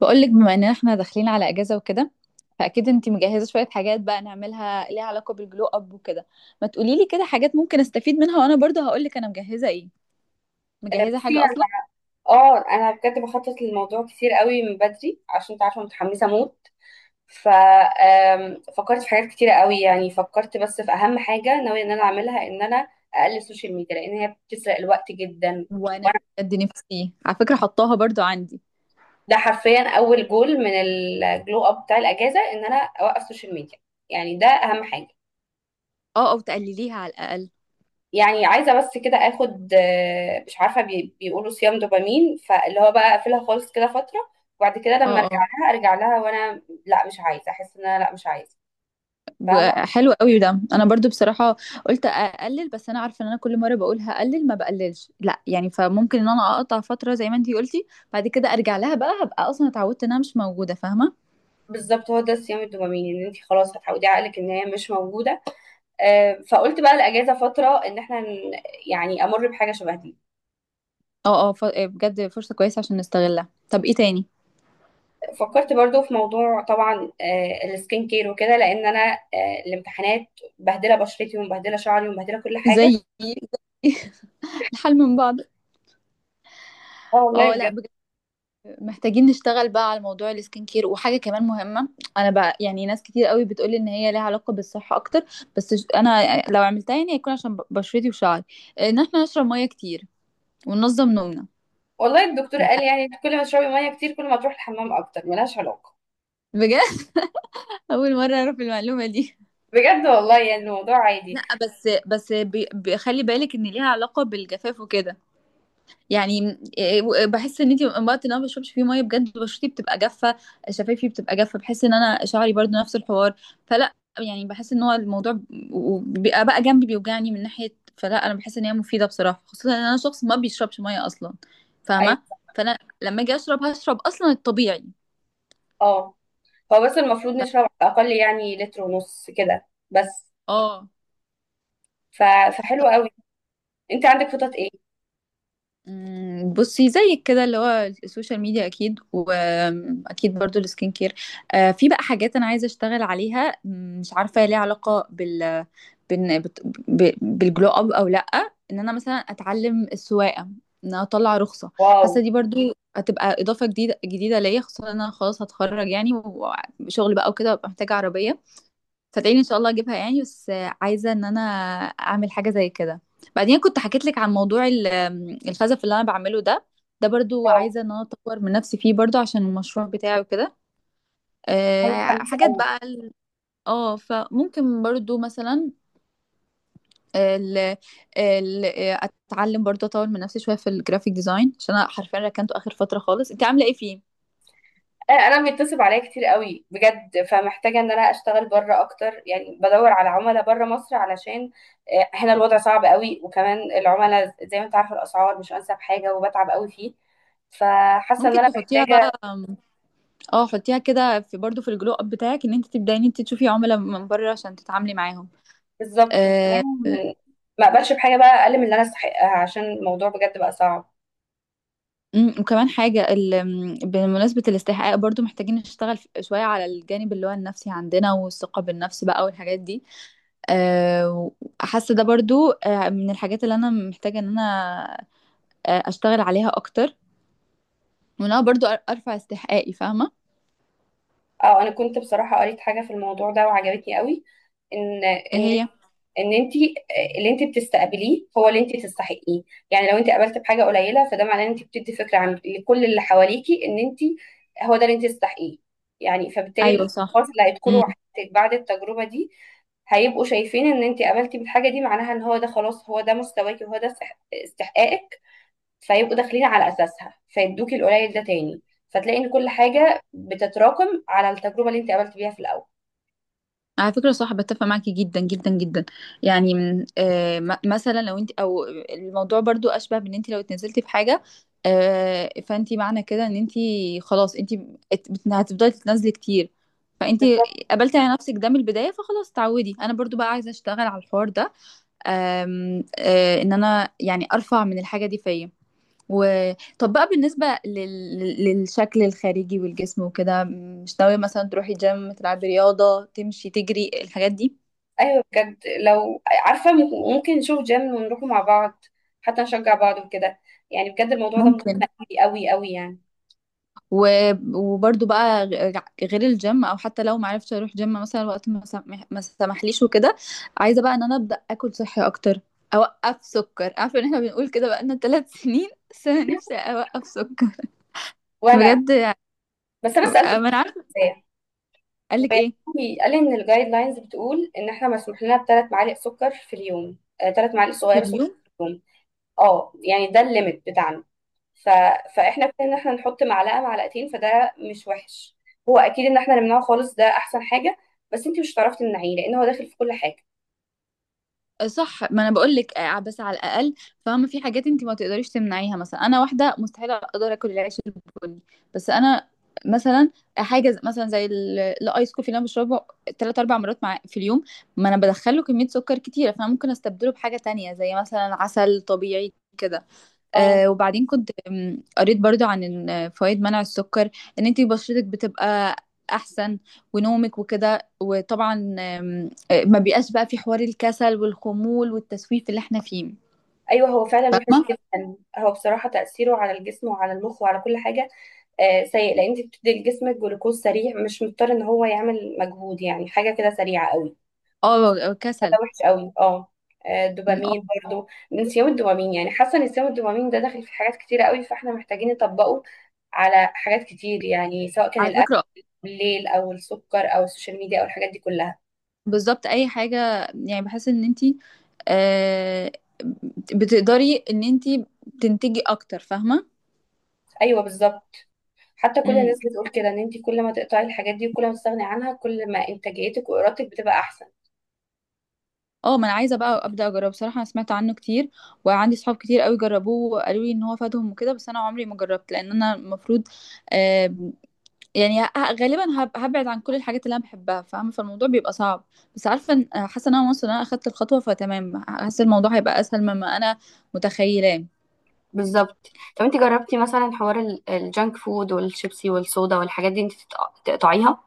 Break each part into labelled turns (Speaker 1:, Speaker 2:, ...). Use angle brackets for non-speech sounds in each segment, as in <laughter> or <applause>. Speaker 1: بقولك بما ان احنا داخلين على اجازه وكده، فاكيد انتي مجهزه شويه حاجات بقى نعملها ليها علاقه بالجلو اب وكده. ما تقولي لي كده حاجات ممكن استفيد منها، وانا برضه هقولك انا مجهزه ايه. مجهزه
Speaker 2: بصي
Speaker 1: حاجه
Speaker 2: يعني
Speaker 1: اصلا؟
Speaker 2: اه انا بجد بخطط للموضوع كتير قوي من بدري عشان انت عارفه متحمسه موت. ف آم، فكرت في حاجات كتيره قوي، يعني فكرت بس في اهم حاجه ناويه ان انا اقلل السوشيال ميديا لان هي بتسرق الوقت جدا.
Speaker 1: وانا
Speaker 2: وانا.
Speaker 1: بجد نفسي، على فكره حطاها برضه عندي.
Speaker 2: ده حرفيا اول جول من الجلو اب بتاع الاجازه ان انا اوقف السوشيال ميديا، يعني ده اهم حاجه.
Speaker 1: اه، او تقلليها على الاقل.
Speaker 2: يعني عايزه بس كده اخد، مش عارفه، بيقولوا صيام دوبامين، فاللي هو بقى اقفلها خالص كده فتره وبعد كده لما
Speaker 1: اه،
Speaker 2: ارجع
Speaker 1: اه،
Speaker 2: لها ارجع لها وانا، لا مش عايزه احس ان انا، لا مش عايزه.
Speaker 1: ب-
Speaker 2: فاهمه.
Speaker 1: حلو قوي ده، انا برضو بصراحه قلت اقلل، بس انا عارفه ان انا كل مره بقول هقلل ما بقللش، لا يعني فممكن ان انا اقطع فتره زي ما انتي قلتي. بعد كده ارجع لها، بقى هبقى اصلا اتعودت انها مش موجوده، فاهمه؟
Speaker 2: بالظبط هو ده صيام الدوبامين، ان انت خلاص هتعودي عقلك ان هي مش موجوده. فقلت بقى الاجازه فتره ان احنا يعني امر بحاجه شبه دي.
Speaker 1: اه، اه، بجد فرصة كويسة عشان نستغلها. طب ايه تاني؟
Speaker 2: فكرت برضو في موضوع، طبعا السكين كير وكده، لان انا الامتحانات مبهدله بشرتي ومبهدله شعري ومبهدله كل حاجه.
Speaker 1: زي <laughs> الحل من بعض.
Speaker 2: اه والله
Speaker 1: اه، لا
Speaker 2: بجد.
Speaker 1: بجد، محتاجين نشتغل بقى على موضوع السكين كير، وحاجه كمان مهمه. انا بقى يعني ناس كتير قوي بتقولي ان هي لها علاقه بالصحه اكتر، بس انا لو عملتها يعني هيكون عشان بشرتي وشعري. ان احنا نشرب ميه كتير وننظم نومنا.
Speaker 2: والله الدكتور قال يعني كل ما تشربي ميه كتير كل ما تروح الحمام اكتر، ملهاش علاقه.
Speaker 1: بجد! <laughs> اول مره اعرف المعلومه دي.
Speaker 2: بجد والله يعني الموضوع عادي.
Speaker 1: لا، بس خلي بالك ان ليها علاقه بالجفاف وكده. يعني بحس ان انت وقت ان انا ما بشربش فيه ميه بجد بشرتي بتبقى جافه، شفايفي بتبقى جافه، بحس ان انا شعري برضو نفس الحوار. فلا يعني بحس ان هو الموضوع بيبقى بقى جنبي بيوجعني من ناحيه، فلا انا بحس ان هي مفيده بصراحه، خصوصا ان انا شخص ما بيشربش ميه اصلا، فاهمه؟
Speaker 2: ايوه.
Speaker 1: فانا لما اجي اشرب هشرب اصلا الطبيعي.
Speaker 2: اه هو بس المفروض
Speaker 1: ف...
Speaker 2: نشرب اقل، يعني لتر ونص كده بس.
Speaker 1: اه.
Speaker 2: ف... فحلو قوي. انت عندك خطط ايه؟
Speaker 1: بصي زيك كده، اللي هو السوشيال ميديا اكيد، واكيد برضو السكين كير. في بقى حاجات انا عايزه اشتغل عليها، مش عارفه هي ليها علاقه بال- بت- بالجلو اب او لا. ان انا مثلا اتعلم السواقه، ان انا اطلع رخصه.
Speaker 2: واو.
Speaker 1: حاسه دي برضو هتبقى اضافه جديده جديده ليا، خصوصا ان انا خلاص هتخرج يعني، وشغل بقى وكده، وأبقى محتاجه عربيه. صدقيني ان شاء الله اجيبها يعني، بس عايزه ان انا اعمل حاجه زي كده. بعدين كنت حكيت لك عن موضوع الخزف اللي انا بعمله ده، ده برضو
Speaker 2: واو.
Speaker 1: عايزه ان انا اطور من نفسي فيه برضو عشان المشروع بتاعي وكده.
Speaker 2: أنا متحمسه
Speaker 1: حاجات
Speaker 2: قوي.
Speaker 1: بقى فممكن برضو مثلا ال ال اتعلم برضو اطور من نفسي شويه في الجرافيك ديزاين، عشان انا حرفيا ركنته اخر فتره خالص. انت عامله ايه فيه؟
Speaker 2: انا بيتصل عليا كتير قوي بجد، فمحتاجه ان انا اشتغل بره اكتر، يعني بدور على عملاء بره مصر علشان هنا الوضع صعب قوي، وكمان العملاء زي ما انت عارفه الاسعار مش انسب حاجه وبتعب قوي فيه. فحاسه ان
Speaker 1: ممكن
Speaker 2: انا
Speaker 1: تحطيها
Speaker 2: محتاجه.
Speaker 1: بقى. اه، حطيها كده في برضو في الجلو اب بتاعك، ان انت تبداي ان انت تشوفي عملاء من بره عشان تتعاملي معاهم.
Speaker 2: بالظبط.
Speaker 1: آه،
Speaker 2: وكمان ما اقبلش بحاجه بقى اقل من اللي انا استحقها عشان الموضوع بجد بقى صعب.
Speaker 1: وكمان حاجة بمناسبة الاستحقاق برضو محتاجين نشتغل شوية على الجانب اللي هو النفسي عندنا، والثقة بالنفس بقى والحاجات دي. آه، حاسة ده برضو من الحاجات اللي أنا محتاجة إن أنا أشتغل عليها أكتر، وإن أنا برضو أرفع استحقاقي، فاهمة؟
Speaker 2: اه انا كنت بصراحه قريت حاجه في الموضوع ده وعجبتني قوي. ان
Speaker 1: إيه
Speaker 2: ان
Speaker 1: هي؟
Speaker 2: ان انت اللي انت بتستقبليه هو اللي انت تستحقيه. يعني لو انت قابلت بحاجه قليله، فده معناه ان انت بتدي فكره عن لكل اللي حواليكي ان انت هو ده اللي انت تستحقيه. يعني فبالتالي
Speaker 1: أيوة صح.
Speaker 2: الاشخاص اللي هيدخلوا حياتك بعد التجربه دي هيبقوا شايفين ان انت قابلتي بالحاجه دي، معناها ان هو ده خلاص هو ده مستواكي وهو ده استحقاقك. فيبقوا داخلين على اساسها فيدوكي القليل ده تاني. فتلاقي ان كل حاجه بتتراكم على التجربه اللي انت قابلت بيها في الاول.
Speaker 1: على فكرة صح، بتفق معاكي جدا جدا جدا. يعني من مثلا لو انت او الموضوع برضو اشبه بان انت لو اتنزلتي في حاجة، فانت معنى كده ان انت خلاص، انت هتفضلي تتنازلي كتير، فانت
Speaker 2: بالظبط.
Speaker 1: قبلتي على نفسك ده من البداية، فخلاص تعودي. انا برضو بقى عايزة اشتغل على الحوار ده، آم، آه ان انا يعني ارفع من الحاجة دي فيا. و... طب بقى بالنسبة للشكل الخارجي والجسم وكده، مش ناوية مثلا تروحي جيم، تلعبي رياضة، تمشي، تجري، الحاجات دي؟
Speaker 2: ايوه بجد، لو عارفه ممكن نشوف جيم ونروح مع بعض، حتى نشجع بعض وكده. يعني بجد الموضوع ده مهم
Speaker 1: ممكن.
Speaker 2: قوي قوي قوي يعني.
Speaker 1: و... وبرضو بقى غير الجيم، او حتى لو معرفتش اروح جيم مثلا وقت ما، ما سمحليش وكده. عايزة بقى ان انا ابدأ اكل صحي اكتر، اوقف سكر. عارفة ان احنا بنقول كده بقالنا 3 سنين، بس انا نفسي اوقف سكر
Speaker 2: وانا.
Speaker 1: بجد.
Speaker 2: بس انا سالته
Speaker 1: ما انا عارفة.
Speaker 2: ازاي.
Speaker 1: قالك
Speaker 2: وقال
Speaker 1: ايه؟
Speaker 2: لي ان الجايد لاينز بتقول ان احنا مسموح لنا بثلاث معالق سكر في اليوم، ثلاث معالق
Speaker 1: في
Speaker 2: صغيره سكر
Speaker 1: اليوم؟
Speaker 2: في اليوم. اه يعني ده الليميت بتاعنا. ف... فاحنا ابتدينا ان احنا نحط معلقه معلقتين، فده مش وحش. هو اكيد ان احنا نمنعه خالص ده احسن حاجه، بس انت مش هتعرفي تمنعيه لان هو داخل في كل حاجه.
Speaker 1: صح، ما انا بقول لك بس على الاقل، فاهمه؟ في حاجات انت ما تقدريش تمنعيها، مثلا انا واحده مستحيل اقدر اكل العيش البني. بس انا مثلا حاجه مثلا زي الايس كوفي اللي انا بشربه 3-4 مرات مع في اليوم، ما انا بدخله كميه سكر كتيره، فانا ممكن استبدله بحاجه تانية زي مثلا عسل طبيعي كده.
Speaker 2: اه.
Speaker 1: وبعدين كنت قريت برضو عن إن فوائد منع السكر، ان انتي بشرتك بتبقى احسن، ونومك وكده، وطبعا آم، آه، ما بيبقاش بقى في حوار الكسل والخمول والتسويف اللي احنا فيه،
Speaker 2: ايوه هو فعلا وحش
Speaker 1: فاهمه؟
Speaker 2: جدا، هو بصراحه تاثيره على الجسم وعلى المخ وعلى كل حاجه سيء، لان انت بتدي لجسمك جلوكوز سريع مش مضطر ان هو يعمل مجهود، يعني حاجه كده سريعه قوي.
Speaker 1: اه.
Speaker 2: فده
Speaker 1: كسل.
Speaker 2: وحش قوي اه
Speaker 1: اه،
Speaker 2: الدوبامين برضو، نسيان الدوبامين، يعني حاسه ان نسيان الدوبامين ده داخل في حاجات كتيره قوي فاحنا محتاجين نطبقه على حاجات كتير، يعني سواء كان
Speaker 1: على
Speaker 2: الاكل
Speaker 1: فكره
Speaker 2: بالليل او السكر او السوشيال ميديا او الحاجات دي كلها.
Speaker 1: بالظبط، اي حاجه. يعني بحس ان انتي آه بتقدري ان انتي تنتجي اكتر، فاهمه؟
Speaker 2: ايوه بالظبط. حتى كل الناس بتقول كده ان انت كل ما تقطعي الحاجات دي وكل ما تستغني عنها، كل ما انتاجيتك وارادتك بتبقى احسن.
Speaker 1: اه، ما انا عايزه بقى ابدا اجربه بصراحه، انا سمعت عنه كتير، وعندي صحاب كتير قوي جربوه وقالوا لي ان هو فادهم وكده، بس انا عمري ما جربت، لان انا المفروض آه يعني غالبا هبعد عن كل الحاجات اللي انا بحبها، فاهمه؟ فالموضوع بيبقى صعب، بس عارفه حاسه ان انا واصله ان انا اخدت الخطوه، فتمام، حاسه الموضوع هيبقى اسهل مما انا متخيلاه.
Speaker 2: بالظبط. طب انت جربتي مثلا حوار الجانك فود والشيبسي والصودا والحاجات دي، انت تقطعيها؟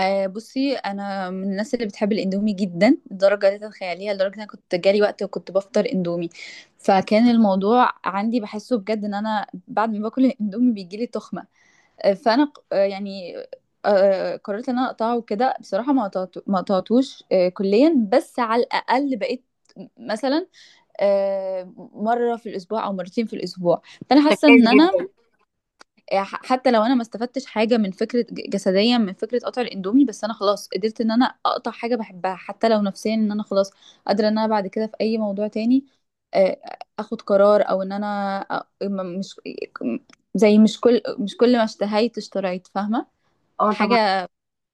Speaker 1: بصي، انا من الناس اللي بتحب الاندومي جدا، لدرجه لا تتخيليها، لدرجه ان انا كنت جالي وقت وكنت بفطر اندومي، فكان الموضوع عندي بحسه بجد ان انا بعد ما باكل الاندومي بيجيلي تخمه. فانا يعني قررت ان انا اقطعه وكده، بصراحه ما قطعته، ما قطعتوش كليا، بس على الاقل بقيت مثلا مره في الاسبوع او مرتين في الاسبوع. فانا
Speaker 2: ده
Speaker 1: حاسه
Speaker 2: كويس
Speaker 1: ان
Speaker 2: جدا.
Speaker 1: انا حتى لو انا ما استفدتش حاجه من فكره جسديا من فكره قطع الاندومي، بس انا خلاص قدرت ان انا اقطع حاجه بحبها، حتى لو نفسيا ان انا خلاص قادره ان انا بعد كده في اي موضوع تاني آه، اخد قرار، او ان انا مش زي مش كل مش كل ما اشتهيت اشتريت، فاهمه؟
Speaker 2: اه طبعا.
Speaker 1: حاجه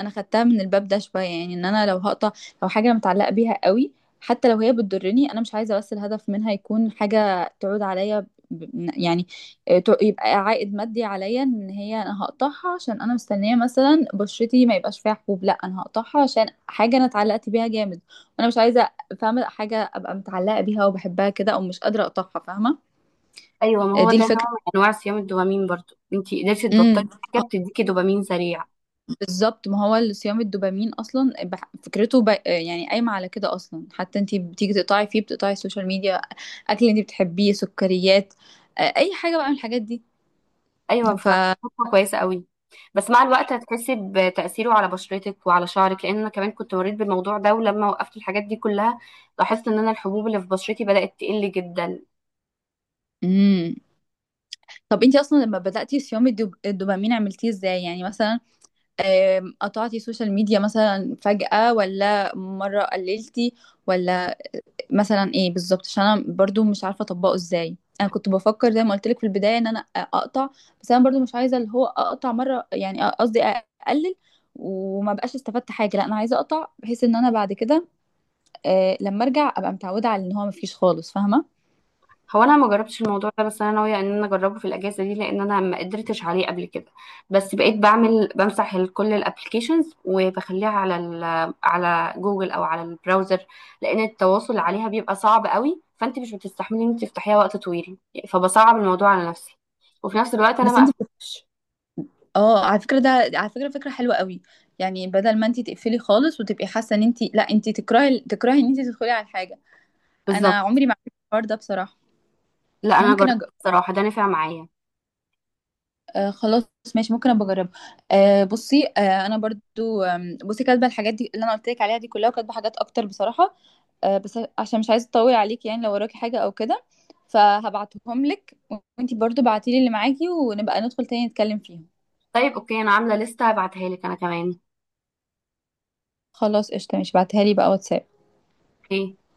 Speaker 1: انا خدتها من الباب ده شويه، يعني ان انا لو هقطع لو حاجه متعلقه بيها قوي، حتى لو هي بتضرني انا مش عايزه، بس الهدف منها يكون حاجه تعود عليا يعني يبقى عائد مادي عليا، ان هي انا هقطعها عشان انا مستنيه مثلا بشرتي ما يبقاش فيها حبوب، لا انا هقطعها عشان حاجه انا اتعلقت بيها جامد، وانا مش عايزه، فاهمه؟ حاجه ابقى متعلقه بيها وبحبها كده، او مش قادره اقطعها، فاهمه؟
Speaker 2: ايوه ما هو
Speaker 1: دي
Speaker 2: ده نوع
Speaker 1: الفكره.
Speaker 2: من انواع صيام الدوبامين، برضو انت قدرتي تبطلي حاجه بتديكي دوبامين سريع.
Speaker 1: بالظبط، ما هو الصيام الدوبامين اصلا فكرته يعني قايمه على كده اصلا، حتى انت بتيجي تقطعي فيه بتقطعي السوشيال ميديا، اكل انت بتحبيه، سكريات، اي حاجه بقى من الحاجات دي.
Speaker 2: ايوه
Speaker 1: ف
Speaker 2: فخطوه كويسه قوي. بس مع الوقت هتحسي بتاثيره على بشرتك وعلى شعرك، لان انا كمان كنت مريت بالموضوع ده ولما وقفت الحاجات دي كلها لاحظت ان انا الحبوب اللي في بشرتي بدات تقل جدا.
Speaker 1: مم. طب انت اصلا لما بداتي صيام الدوبامين عملتيه ازاي؟ يعني مثلا، قطعتي سوشيال ميديا مثلا فجاه، ولا مره قللتي، ولا مثلا ايه بالظبط؟ عشان انا برضو مش عارفه اطبقه ازاي. انا كنت بفكر زي ما قلت لك في البدايه ان انا اقطع، بس انا برضو مش عايزه اللي هو اقطع مره، يعني قصدي اقلل وما بقاش استفدت حاجه، لا انا عايزه اقطع بحيث ان انا بعد كده لما ارجع ابقى متعوده على ان هو ما فيش خالص، فاهمه؟
Speaker 2: هو انا ما جربتش الموضوع ده بس انا ناويه ان انا اجربه في الاجازه دي لان انا ما قدرتش عليه قبل كده. بس بقيت بعمل بمسح كل الابلكيشنز وبخليها على على جوجل او على البراوزر، لان التواصل عليها بيبقى صعب قوي فانت مش بتستحملي ان انت تفتحيها وقت طويل، فبصعب الموضوع على نفسي. وفي نفس الوقت انا
Speaker 1: بس
Speaker 2: ما
Speaker 1: انت بت...
Speaker 2: قفلتش.
Speaker 1: اه، على فكره ده، على فكره، فكره حلوه قوي. يعني بدل ما انت تقفلي خالص وتبقي حاسه ان انت، لا انت تكرهي تكرهي ان انت تدخلي على الحاجه. انا
Speaker 2: بالظبط.
Speaker 1: عمري ما عملت الحوار ده بصراحه.
Speaker 2: لا انا
Speaker 1: ممكن
Speaker 2: جربت
Speaker 1: أج...
Speaker 2: الصراحه ده نفع معايا.
Speaker 1: آه خلاص، ماشي، ممكن ابقى اجربها. بصي، انا برضو بصي كاتبه الحاجات دي اللي انا قلت لك عليها دي كلها، وكاتبه حاجات اكتر بصراحه. بس عشان مش عايزه اطول عليك، يعني لو وراكي حاجه او كده فهبعتهم لك، وانتي برضو بعتيلي اللي معاكي، ونبقى ندخل تاني نتكلم فيهم.
Speaker 2: طيب اوكي انا عامله لسته هبعتها لك انا كمان.
Speaker 1: خلاص، قشطه، ماشي، بعتها لي بقى واتساب.
Speaker 2: اوكي